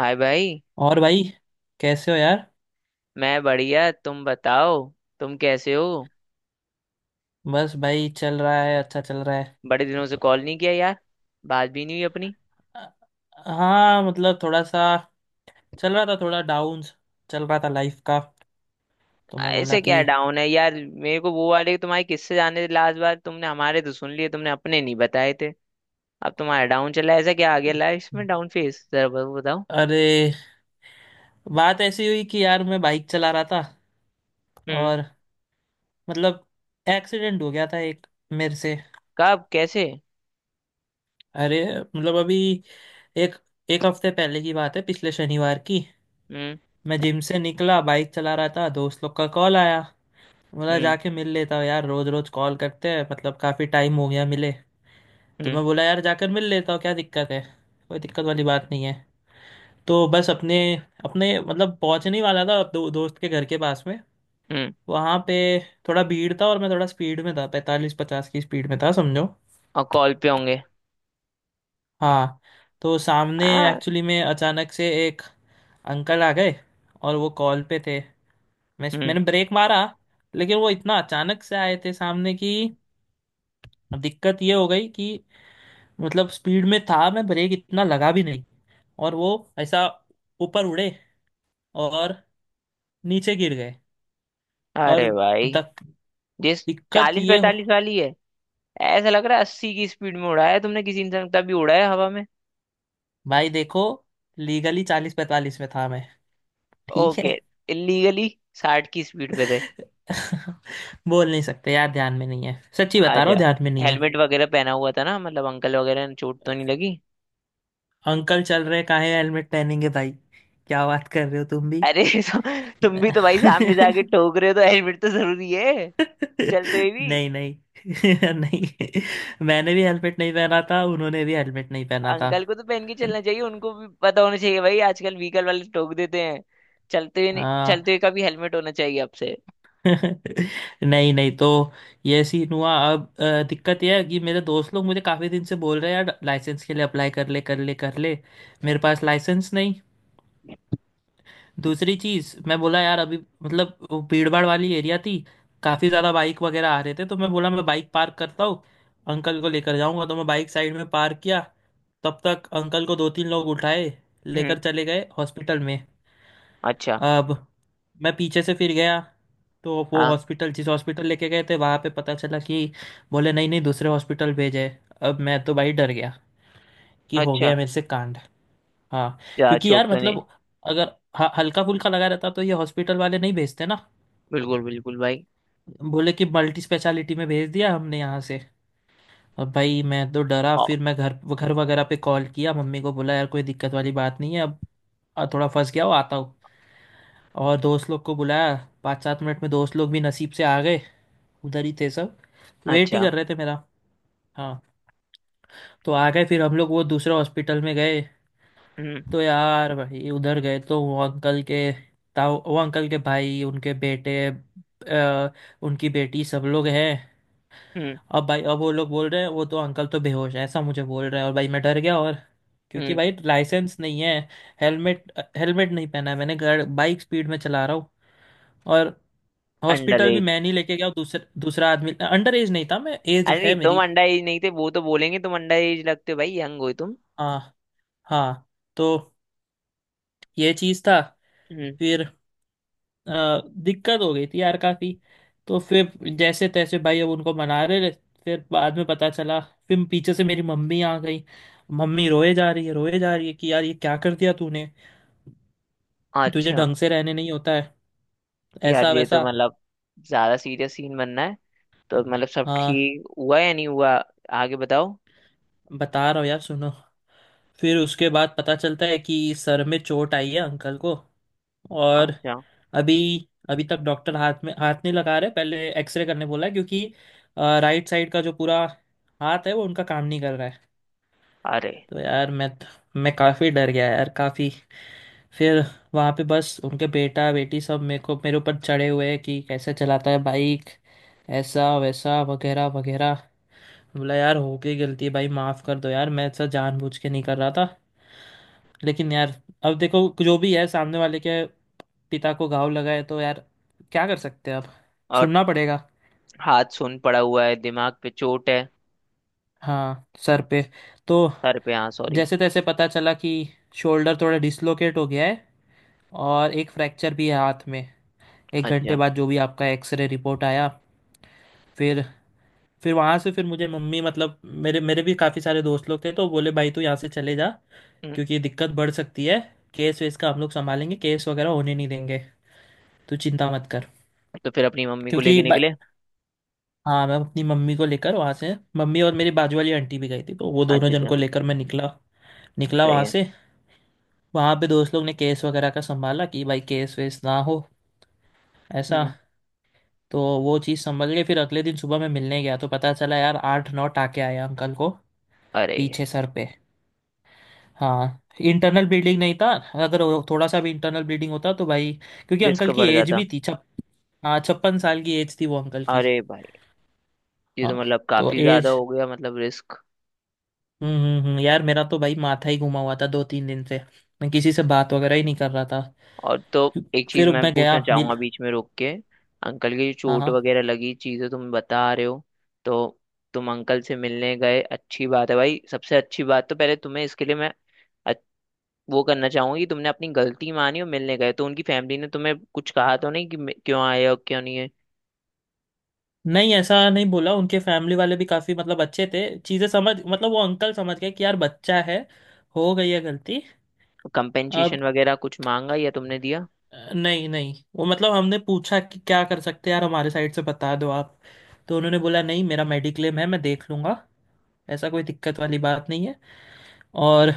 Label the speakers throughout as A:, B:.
A: हाय भाई।
B: और भाई, कैसे हो यार।
A: मैं बढ़िया, तुम बताओ। तुम कैसे हो?
B: बस भाई, चल रहा है, अच्छा चल रहा है।
A: बड़े दिनों से कॉल नहीं किया यार। बात भी नहीं हुई अपनी।
B: अ- हाँ मतलब थोड़ा सा चल रहा था, थोड़ा डाउन चल रहा था लाइफ का। तो मैं बोला
A: ऐसे
B: कि
A: क्या डाउन है यार? मेरे को वो वाले तुम्हारे किससे जाने थे लास्ट बार, तुमने हमारे तो सुन लिए, तुमने अपने नहीं बताए थे। अब तुम्हारा डाउन चला है, ऐसा क्या आ गया लाइफ में? डाउन फेस जरा बताओ।
B: अरे, बात ऐसी हुई कि यार मैं बाइक चला रहा था
A: हम्म।
B: और मतलब एक्सीडेंट हो गया था एक मेरे से।
A: कब, कैसे?
B: अरे मतलब अभी एक एक हफ्ते पहले की बात है, पिछले शनिवार की।
A: हम्म।
B: मैं जिम से निकला, बाइक चला रहा था, दोस्त लोग का कॉल आया। बोला
A: हम्म।
B: जाके मिल लेता हूँ यार, रोज रोज कॉल करते हैं, मतलब काफी टाइम हो गया मिले। तो
A: हम्म।
B: मैं बोला यार जाकर मिल लेता हूँ, क्या दिक्कत है, कोई दिक्कत वाली बात नहीं है। तो बस अपने अपने मतलब पहुंचने ही वाला था दोस्त के घर के पास में।
A: हम्म।
B: वहां पे थोड़ा भीड़ था और मैं थोड़ा स्पीड में था, 45-50 की स्पीड में था समझो।
A: और कॉल पे होंगे?
B: हाँ, तो सामने
A: आ।
B: एक्चुअली में अचानक से एक अंकल आ गए, और वो कॉल पे थे। मैं
A: हम्म।
B: मैंने ब्रेक मारा, लेकिन वो इतना अचानक से आए थे सामने कि दिक्कत ये हो गई कि, मतलब, स्पीड में था मैं, ब्रेक इतना लगा भी नहीं, और वो ऐसा ऊपर उड़े, और नीचे गिर गए। और
A: अरे भाई!
B: दक-
A: जिस
B: दिक्कत
A: चालीस
B: ये हो।
A: पैंतालीस वाली है, ऐसा लग रहा है 80 की स्पीड में उड़ाया है तुमने किसी इंसान को, तब भी उड़ाया हवा में।
B: भाई देखो, लीगली 40-45 में था मैं, ठीक है।
A: ओके। इलीगली 60 की स्पीड पे थे।
B: बोल नहीं सकते यार, ध्यान में नहीं है, सच्ची बता रहा
A: आजा।
B: हूँ, ध्यान में नहीं है।
A: हेलमेट वगैरह पहना हुआ था ना? मतलब अंकल वगैरह ने चोट तो नहीं लगी?
B: अंकल चल रहे, काहे हेलमेट पहनेंगे भाई, क्या बात कर रहे हो तुम भी।
A: अरे तो, तुम भी तो भाई सामने जाके ठोक रहे हो तो हेलमेट तो जरूरी है। चलते हुए भी।
B: नहीं नहीं। नहीं। मैंने भी हेलमेट नहीं पहना था, उन्होंने भी हेलमेट नहीं पहना था।
A: अंकल को तो पहन के चलना चाहिए, उनको भी पता होना चाहिए भाई, आजकल व्हीकल वाले ठोक देते हैं। चलते हुए नहीं-
B: हाँ।
A: चलते हुए का भी हेलमेट होना चाहिए आपसे।
B: नहीं नहीं, तो ये सीन हुआ। अब दिक्कत यह है कि मेरे दोस्त लोग मुझे काफ़ी दिन से बोल रहे हैं यार लाइसेंस के लिए अप्लाई कर ले कर ले कर ले।
A: हम्म।
B: मेरे पास लाइसेंस नहीं। दूसरी चीज़, मैं बोला यार अभी, मतलब, वो भीड़ भाड़ वाली एरिया थी, काफ़ी ज़्यादा बाइक वगैरह आ रहे थे, तो मैं बोला मैं बाइक पार्क करता हूँ, अंकल को लेकर जाऊंगा, तो मैं बाइक साइड में पार्क किया। तब तक अंकल को दो तीन लोग उठाए
A: हम्म,
B: लेकर चले गए हॉस्पिटल में।
A: अच्छा।
B: अब मैं पीछे से फिर गया, तो वो
A: हाँ।
B: हॉस्पिटल, जिस हॉस्पिटल लेके गए थे, वहाँ पे पता चला कि बोले नहीं नहीं, दूसरे हॉस्पिटल भेजे। अब मैं तो भाई डर गया कि हो
A: अच्छा।
B: गया मेरे से कांड। हाँ,
A: जा
B: क्योंकि
A: चोट
B: यार
A: तो नहीं?
B: मतलब अगर हल्का फुल्का लगा रहता तो ये हॉस्पिटल वाले नहीं भेजते ना।
A: बिल्कुल बिल्कुल भाई।
B: बोले कि मल्टी स्पेशलिटी में भेज दिया हमने यहाँ से। अब भाई मैं तो डरा,
A: औ-
B: फिर मैं घर घर वगैरह पे कॉल किया, मम्मी को बोला यार कोई दिक्कत वाली बात नहीं है अब, थोड़ा फंस गया हूँ, आता हूँ। और दोस्त लोग को बुलाया। 5-7 मिनट में दोस्त लोग भी नसीब से आ गए, उधर ही थे सब, वेट ही
A: अच्छा।
B: कर रहे थे मेरा। हाँ, तो आ गए फिर हम लोग वो दूसरे हॉस्पिटल में गए।
A: हम्म।
B: तो यार भाई उधर गए तो वो अंकल के ताऊ, वो अंकल के भाई, उनके बेटे, उनकी बेटी सब लोग हैं।
A: हम्म।
B: अब भाई, अब वो लोग बोल रहे हैं वो तो अंकल तो बेहोश है, ऐसा मुझे बोल रहे हैं, और भाई मैं डर गया। और क्योंकि
A: हम्म।
B: भाई लाइसेंस नहीं है, हेलमेट हेलमेट नहीं पहना है मैंने, गाड़ बाइक स्पीड में चला रहा हूँ, और
A: अंडर।
B: हॉस्पिटल भी मैं नहीं लेके गया, दूसरा दूसरा आदमी। अंडर एज नहीं था मैं, एज
A: अरे नहीं,
B: है
A: तुम
B: मेरी।
A: अंडर एज नहीं थे। वो तो बोलेंगे तुम अंडर एज लगते हो भाई, यंग हो तुम।
B: हाँ, हाँ। तो ये चीज़ था।
A: हम्म,
B: फिर दिक्कत हो गई थी यार काफ़ी। तो फिर जैसे तैसे भाई अब उनको मना रहे थे। फिर बाद में पता चला, फिर पीछे से मेरी मम्मी आ गई। मम्मी रोए जा रही है रोए जा रही है कि यार ये क्या कर दिया तूने, तुझे
A: अच्छा।
B: ढंग से रहने नहीं होता है, ऐसा
A: यार ये तो
B: वैसा।
A: मतलब ज्यादा सीरियस सीन बनना है। तो मतलब सब
B: हाँ,
A: ठीक हुआ या नहीं हुआ? आगे बताओ।
B: बता रहा हूँ यार सुनो। फिर उसके बाद पता चलता है कि सर में चोट आई है अंकल को। और
A: अच्छा।
B: अभी अभी तक डॉक्टर हाथ में हाथ नहीं लगा रहे, पहले एक्सरे करने बोला है, क्योंकि राइट साइड का जो पूरा हाथ है वो उनका काम नहीं कर रहा है।
A: अरे।
B: तो यार मैं काफ़ी डर गया यार, काफ़ी। फिर वहाँ पे बस उनके बेटा बेटी सब मेरे ऊपर चढ़े हुए हैं कि कैसे चलाता है बाइक, ऐसा वैसा वगैरह वगैरह। बोला यार हो गई गलती भाई, माफ कर दो यार, मैं ऐसा जानबूझ के नहीं कर रहा था, लेकिन यार अब देखो जो भी है सामने वाले के पिता को घाव लगा है, तो यार क्या कर सकते हैं अब,
A: और
B: सुनना पड़ेगा।
A: हाथ सुन पड़ा हुआ है, दिमाग पे चोट है?
B: हाँ, सर पे। तो
A: सर पे, हाँ सॉरी।
B: जैसे तैसे पता चला कि शोल्डर थोड़ा डिसलोकेट हो गया है, और एक फ्रैक्चर भी है हाथ में, एक घंटे
A: अच्छा।
B: बाद जो भी आपका एक्सरे रिपोर्ट आया। फिर फिर वहाँ से फिर मुझे मम्मी मतलब मेरे मेरे भी काफ़ी सारे दोस्त लोग थे, तो बोले भाई तू यहाँ से चले जा,
A: हम्म,
B: क्योंकि ये दिक्कत बढ़ सकती है, केस वेस का हम लोग संभालेंगे, केस वगैरह होने नहीं देंगे, तू चिंता मत कर।
A: तो फिर अपनी मम्मी को
B: क्योंकि
A: लेके निकले?
B: हाँ, मैं अपनी मम्मी को लेकर वहाँ से, मम्मी और मेरी बाजू वाली आंटी भी गई थी, तो वो दोनों
A: अच्छा
B: जन
A: अच्छा।
B: को लेकर मैं निकला। निकला
A: सही
B: वहाँ
A: है।
B: से। वहाँ पे दोस्त लोग ने केस वगैरह का संभाला कि भाई केस वेस ना हो, ऐसा।
A: हम्म।
B: तो वो चीज़ संभल गई। फिर अगले दिन सुबह मैं मिलने गया, तो पता चला यार 8-9 टाके आए अंकल को,
A: अरे यार।
B: पीछे सर पे। हाँ, इंटरनल ब्लीडिंग नहीं था। अगर वो थोड़ा सा भी इंटरनल ब्लीडिंग होता तो भाई, क्योंकि
A: रिस्क
B: अंकल की
A: बढ़
B: एज
A: जाता।
B: भी थी। हाँ, 56 साल की एज थी वो अंकल की।
A: अरे भाई, ये
B: हाँ,
A: तो मतलब
B: तो
A: काफी ज्यादा
B: एज।
A: हो गया मतलब रिस्क।
B: यार मेरा तो भाई माथा ही घुमा हुआ था 2-3 दिन से, मैं किसी से बात वगैरह ही नहीं कर रहा था।
A: और तो एक चीज
B: फिर
A: मैं
B: मैं गया
A: पूछना
B: मिल।
A: चाहूंगा बीच में रोक के। अंकल की जो
B: हाँ,
A: चोट
B: हाँ।
A: वगैरह लगी चीजें तुम बता रहे हो, तो तुम अंकल से मिलने गए, अच्छी बात है भाई, सबसे अच्छी बात। तो पहले तुम्हें इसके लिए मैं अच- वो करना चाहूंगा कि तुमने अपनी गलती मानी और मिलने गए। तो उनकी फैमिली ने तुम्हें कुछ कहा तो नहीं कि क्यों आए हो क्यों नहीं है?
B: नहीं, ऐसा नहीं बोला, उनके फैमिली वाले भी काफ़ी मतलब अच्छे थे, चीज़ें समझ, मतलब वो अंकल समझ गए कि यार बच्चा है, हो गई है गलती। अब
A: कंपेंसेशन वगैरह कुछ मांगा या तुमने दिया?
B: नहीं नहीं, वो मतलब हमने पूछा कि क्या कर सकते हैं यार, हमारे साइड से बता दो आप। तो उन्होंने बोला नहीं, मेरा मेडिक्लेम है, मैं देख लूंगा, ऐसा, कोई दिक्कत वाली बात नहीं है। और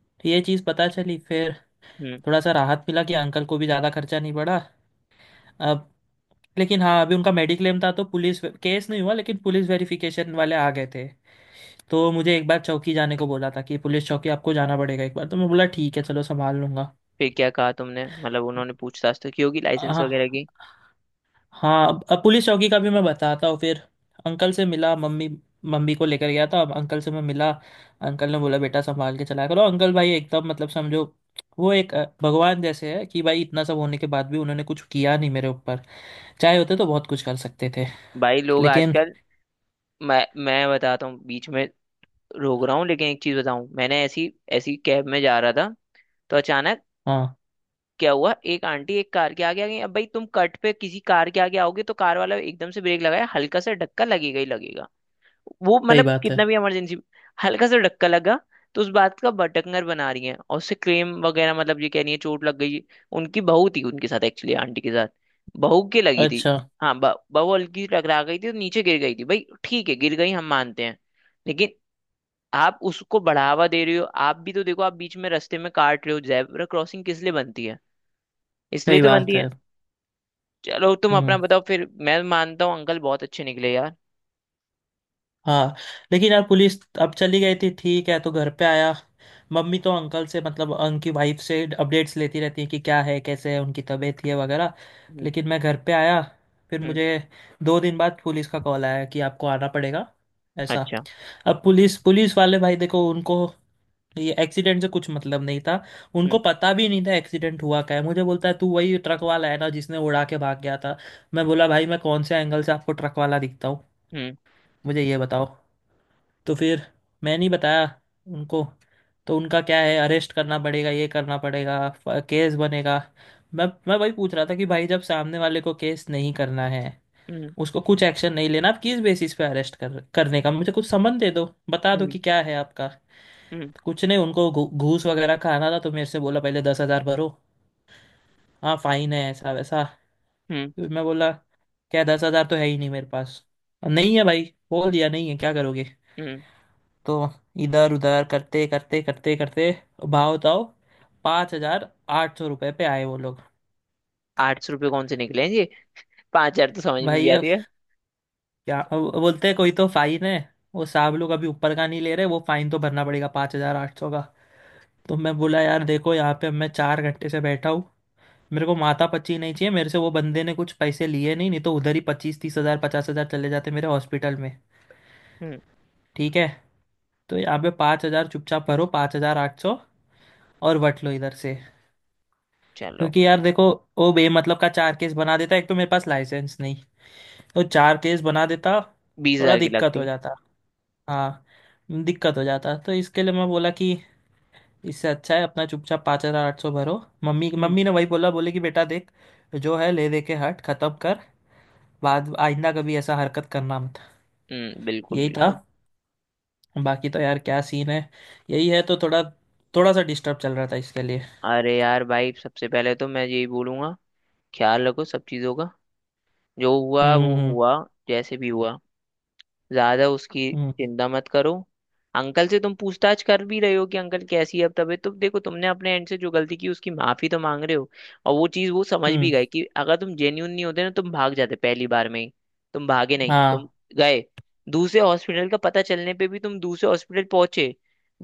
B: तो ये चीज़ पता चली। फिर
A: हम्म।
B: थोड़ा सा राहत मिला कि अंकल को भी ज़्यादा खर्चा नहीं पड़ा। अब, लेकिन हाँ, अभी उनका मेडिक्लेम था तो पुलिस केस नहीं हुआ, लेकिन पुलिस वेरिफिकेशन वाले आ गए थे। तो मुझे एक बार चौकी जाने को बोला था कि पुलिस चौकी आपको जाना पड़ेगा एक बार, तो मैं बोला ठीक है चलो, संभाल लूंगा।
A: फिर क्या कहा तुमने? मतलब उन्होंने पूछताछ तो की होगी लाइसेंस वगैरह
B: हाँ,
A: की।
B: हाँ। अब पुलिस चौकी का भी मैं बताता हूँ फिर। अंकल से मिला। मम्मी मम्मी को लेकर गया था, अब अंकल से मैं मिला। अंकल ने बोला बेटा संभाल के चलाया करो। अंकल भाई एकदम, मतलब, समझो वो एक भगवान जैसे है कि भाई इतना सब होने के बाद भी उन्होंने कुछ किया नहीं मेरे ऊपर, चाहे होते तो बहुत कुछ कर सकते थे।
A: भाई लोग
B: लेकिन
A: आजकल मैं बताता हूँ बीच में, रोक रहा हूँ लेकिन एक चीज बताऊं, मैंने ऐसी ऐसी कैब में जा रहा था तो अचानक
B: हाँ,
A: क्या हुआ, एक आंटी एक कार के आगे आ गई। अब भाई तुम कट पे किसी कार के आगे आओगे तो कार वाला एकदम से ब्रेक लगाया, हल्का सा धक्का लगेगा ही लगेगा। वो
B: सही
A: मतलब
B: बात है,
A: कितना भी इमरजेंसी, हल्का सा धक्का लगा, तो उस बात का बटकनर बना रही है और उससे क्लेम वगैरह, मतलब ये कह रही है चोट लग गई। उनकी बहू थी उनके साथ, एक्चुअली आंटी के साथ, बहू के लगी थी।
B: अच्छा,
A: हाँ, बहू हल्की सी टकरा गई थी तो नीचे गिर गई थी भाई, ठीक है गिर गई, हम मानते हैं। लेकिन आप उसको बढ़ावा दे रहे हो, आप भी तो देखो, आप बीच में रास्ते में काट रहे हो, जेब्रा क्रॉसिंग किस लिए बनती है? इसलिए
B: सही
A: तो बनती
B: बात
A: है।
B: है।
A: चलो तुम अपना
B: हम्म,
A: बताओ। फिर मैं मानता हूँ अंकल बहुत अच्छे निकले यार।
B: हाँ। लेकिन यार पुलिस अब चली गई थी, ठीक है, तो घर पे आया। मम्मी तो अंकल से, मतलब, उनकी वाइफ से अपडेट्स लेती रहती है कि क्या है, कैसे है उनकी तबीयत है वगैरह।
A: हम्म।
B: लेकिन मैं घर पे आया, फिर
A: हम्म।
B: मुझे 2 दिन बाद पुलिस का कॉल आया कि आपको आना पड़ेगा, ऐसा।
A: अच्छा।
B: अब पुलिस पुलिस वाले भाई देखो, उनको ये एक्सीडेंट से कुछ मतलब नहीं था, उनको
A: हम्म।
B: पता भी नहीं था एक्सीडेंट हुआ क्या है, मुझे बोलता है तू वही ट्रक वाला है ना जिसने उड़ा के भाग गया था। मैं बोला भाई मैं कौन से एंगल से आपको ट्रक वाला दिखता हूँ,
A: हम्म।
B: मुझे ये बताओ। तो फिर मैं नहीं बताया उनको। तो उनका क्या है, अरेस्ट करना पड़ेगा, ये करना पड़ेगा, केस बनेगा। मैं वही पूछ रहा था कि भाई जब सामने वाले को केस नहीं करना है,
A: हम्म।
B: उसको कुछ एक्शन नहीं लेना, आप किस बेसिस पे अरेस्ट कर करने का, मुझे कुछ समन दे दो, बता दो
A: हम्म।
B: कि क्या है आपका।
A: हम्म।
B: कुछ नहीं, उनको घूस वगैरह खाना था, तो मेरे से बोला पहले 10,000 भरो, हाँ फाइन है ऐसा वैसा।
A: हम्म।
B: फिर मैं बोला क्या, 10,000 तो है ही नहीं मेरे पास, नहीं है भाई, बोल दिया नहीं है, क्या करोगे।
A: हम्म।
B: तो इधर उधर करते करते करते करते, भाव ताव 5,800 रुपये पे आए वो लोग।
A: 800 रुपये कौन से निकले हैं जी? 5,000 तो समझ में भी
B: भाई अब
A: आती है।
B: क्या, अब बोलते हैं कोई तो फाइन है, वो साहब लोग अभी ऊपर का नहीं ले रहे, वो फाइन तो भरना पड़ेगा 5,800 का। तो मैं बोला यार देखो, यहाँ पे मैं 4 घंटे से बैठा हूँ, मेरे को माथा पच्ची नहीं चाहिए, मेरे से वो बंदे ने कुछ पैसे लिए नहीं, नहीं तो उधर ही 25-30 हजार, 50 हजार चले जाते मेरे हॉस्पिटल में,
A: हम्म।
B: ठीक है। तो यहाँ पे 5,000 चुपचाप भरो, 5,800, और बट लो इधर से।
A: चलो।
B: क्योंकि यार देखो वो बेमतलब का चार केस बना देता, एक तो मेरे पास लाइसेंस नहीं, तो चार केस बना देता,
A: बीस
B: थोड़ा
A: हजार की
B: दिक्कत
A: लगती
B: हो
A: है।
B: जाता। हाँ, दिक्कत हो जाता, तो इसके लिए मैं बोला कि इससे अच्छा है अपना चुपचाप 5,800 भरो। मम्मी
A: हम्म।
B: मम्मी ने वही बोला, बोले कि बेटा देख जो है ले दे के हट खत्म कर, बाद आइंदा कभी ऐसा हरकत करना मत।
A: हम्म, बिल्कुल
B: यही था।
A: बिल्कुल।
B: बाकी तो यार क्या सीन है, यही है, तो थोड़ा थोड़ा सा डिस्टर्ब चल रहा था इसके लिए।
A: अरे यार भाई, सबसे पहले तो मैं यही बोलूंगा, ख्याल रखो सब चीजों का। जो हुआ
B: हम्म,
A: वो
B: हम्म,
A: हुआ, जैसे भी हुआ, ज्यादा उसकी
B: हम्म,
A: चिंता मत करो। अंकल से तुम पूछताछ कर भी रहे हो कि अंकल कैसी है अब तबीयत, तो देखो तुमने अपने एंड से जो गलती की उसकी माफी तो मांग रहे हो। और वो चीज वो समझ भी
B: हम्म,
A: गए कि अगर तुम जेन्यून नहीं होते ना तुम भाग जाते पहली बार में ही। तुम भागे नहीं, तुम
B: हाँ।
A: गए। दूसरे हॉस्पिटल का पता चलने पे भी तुम दूसरे हॉस्पिटल पहुंचे,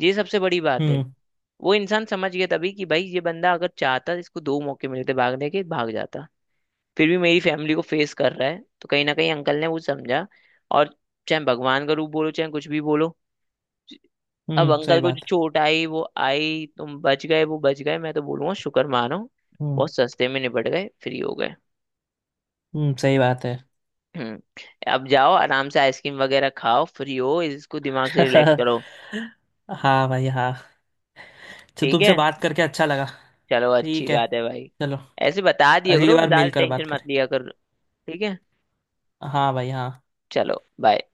A: ये सबसे बड़ी बात है।
B: हम्म,
A: वो इंसान समझ गया तभी कि भाई ये बंदा अगर चाहता इसको दो मौके मिलते भागने के, भाग जाता। फिर भी मेरी फैमिली को फेस कर रहा है, तो कहीं ना कहीं अंकल ने वो समझा। और चाहे भगवान का रूप बोलो, चाहे कुछ भी बोलो। अब
B: हम्म, सही
A: अंकल को जो
B: बात है।
A: चोट आई वो आई, तुम बच गए, वो बच गए, मैं तो बोलूंगा शुक्र मानो।
B: हम्म,
A: बहुत सस्ते में निपट गए, फ्री हो गए।
B: हम्म, सही बात है।
A: हम्म। अब जाओ आराम से आइसक्रीम वगैरह खाओ, फ्री हो, इसको दिमाग से रिलैक्स करो।
B: हाँ भाई, हाँ। तो
A: ठीक
B: तुमसे
A: है?
B: बात करके अच्छा लगा।
A: चलो अच्छी
B: ठीक है
A: बात है भाई।
B: चलो,
A: ऐसे बता दिया
B: अगली
A: करो,
B: बार
A: ज्यादा
B: मेल कर बात
A: टेंशन मत
B: करें।
A: लिया करो। ठीक है
B: हाँ भाई, हाँ।
A: चलो, बाय।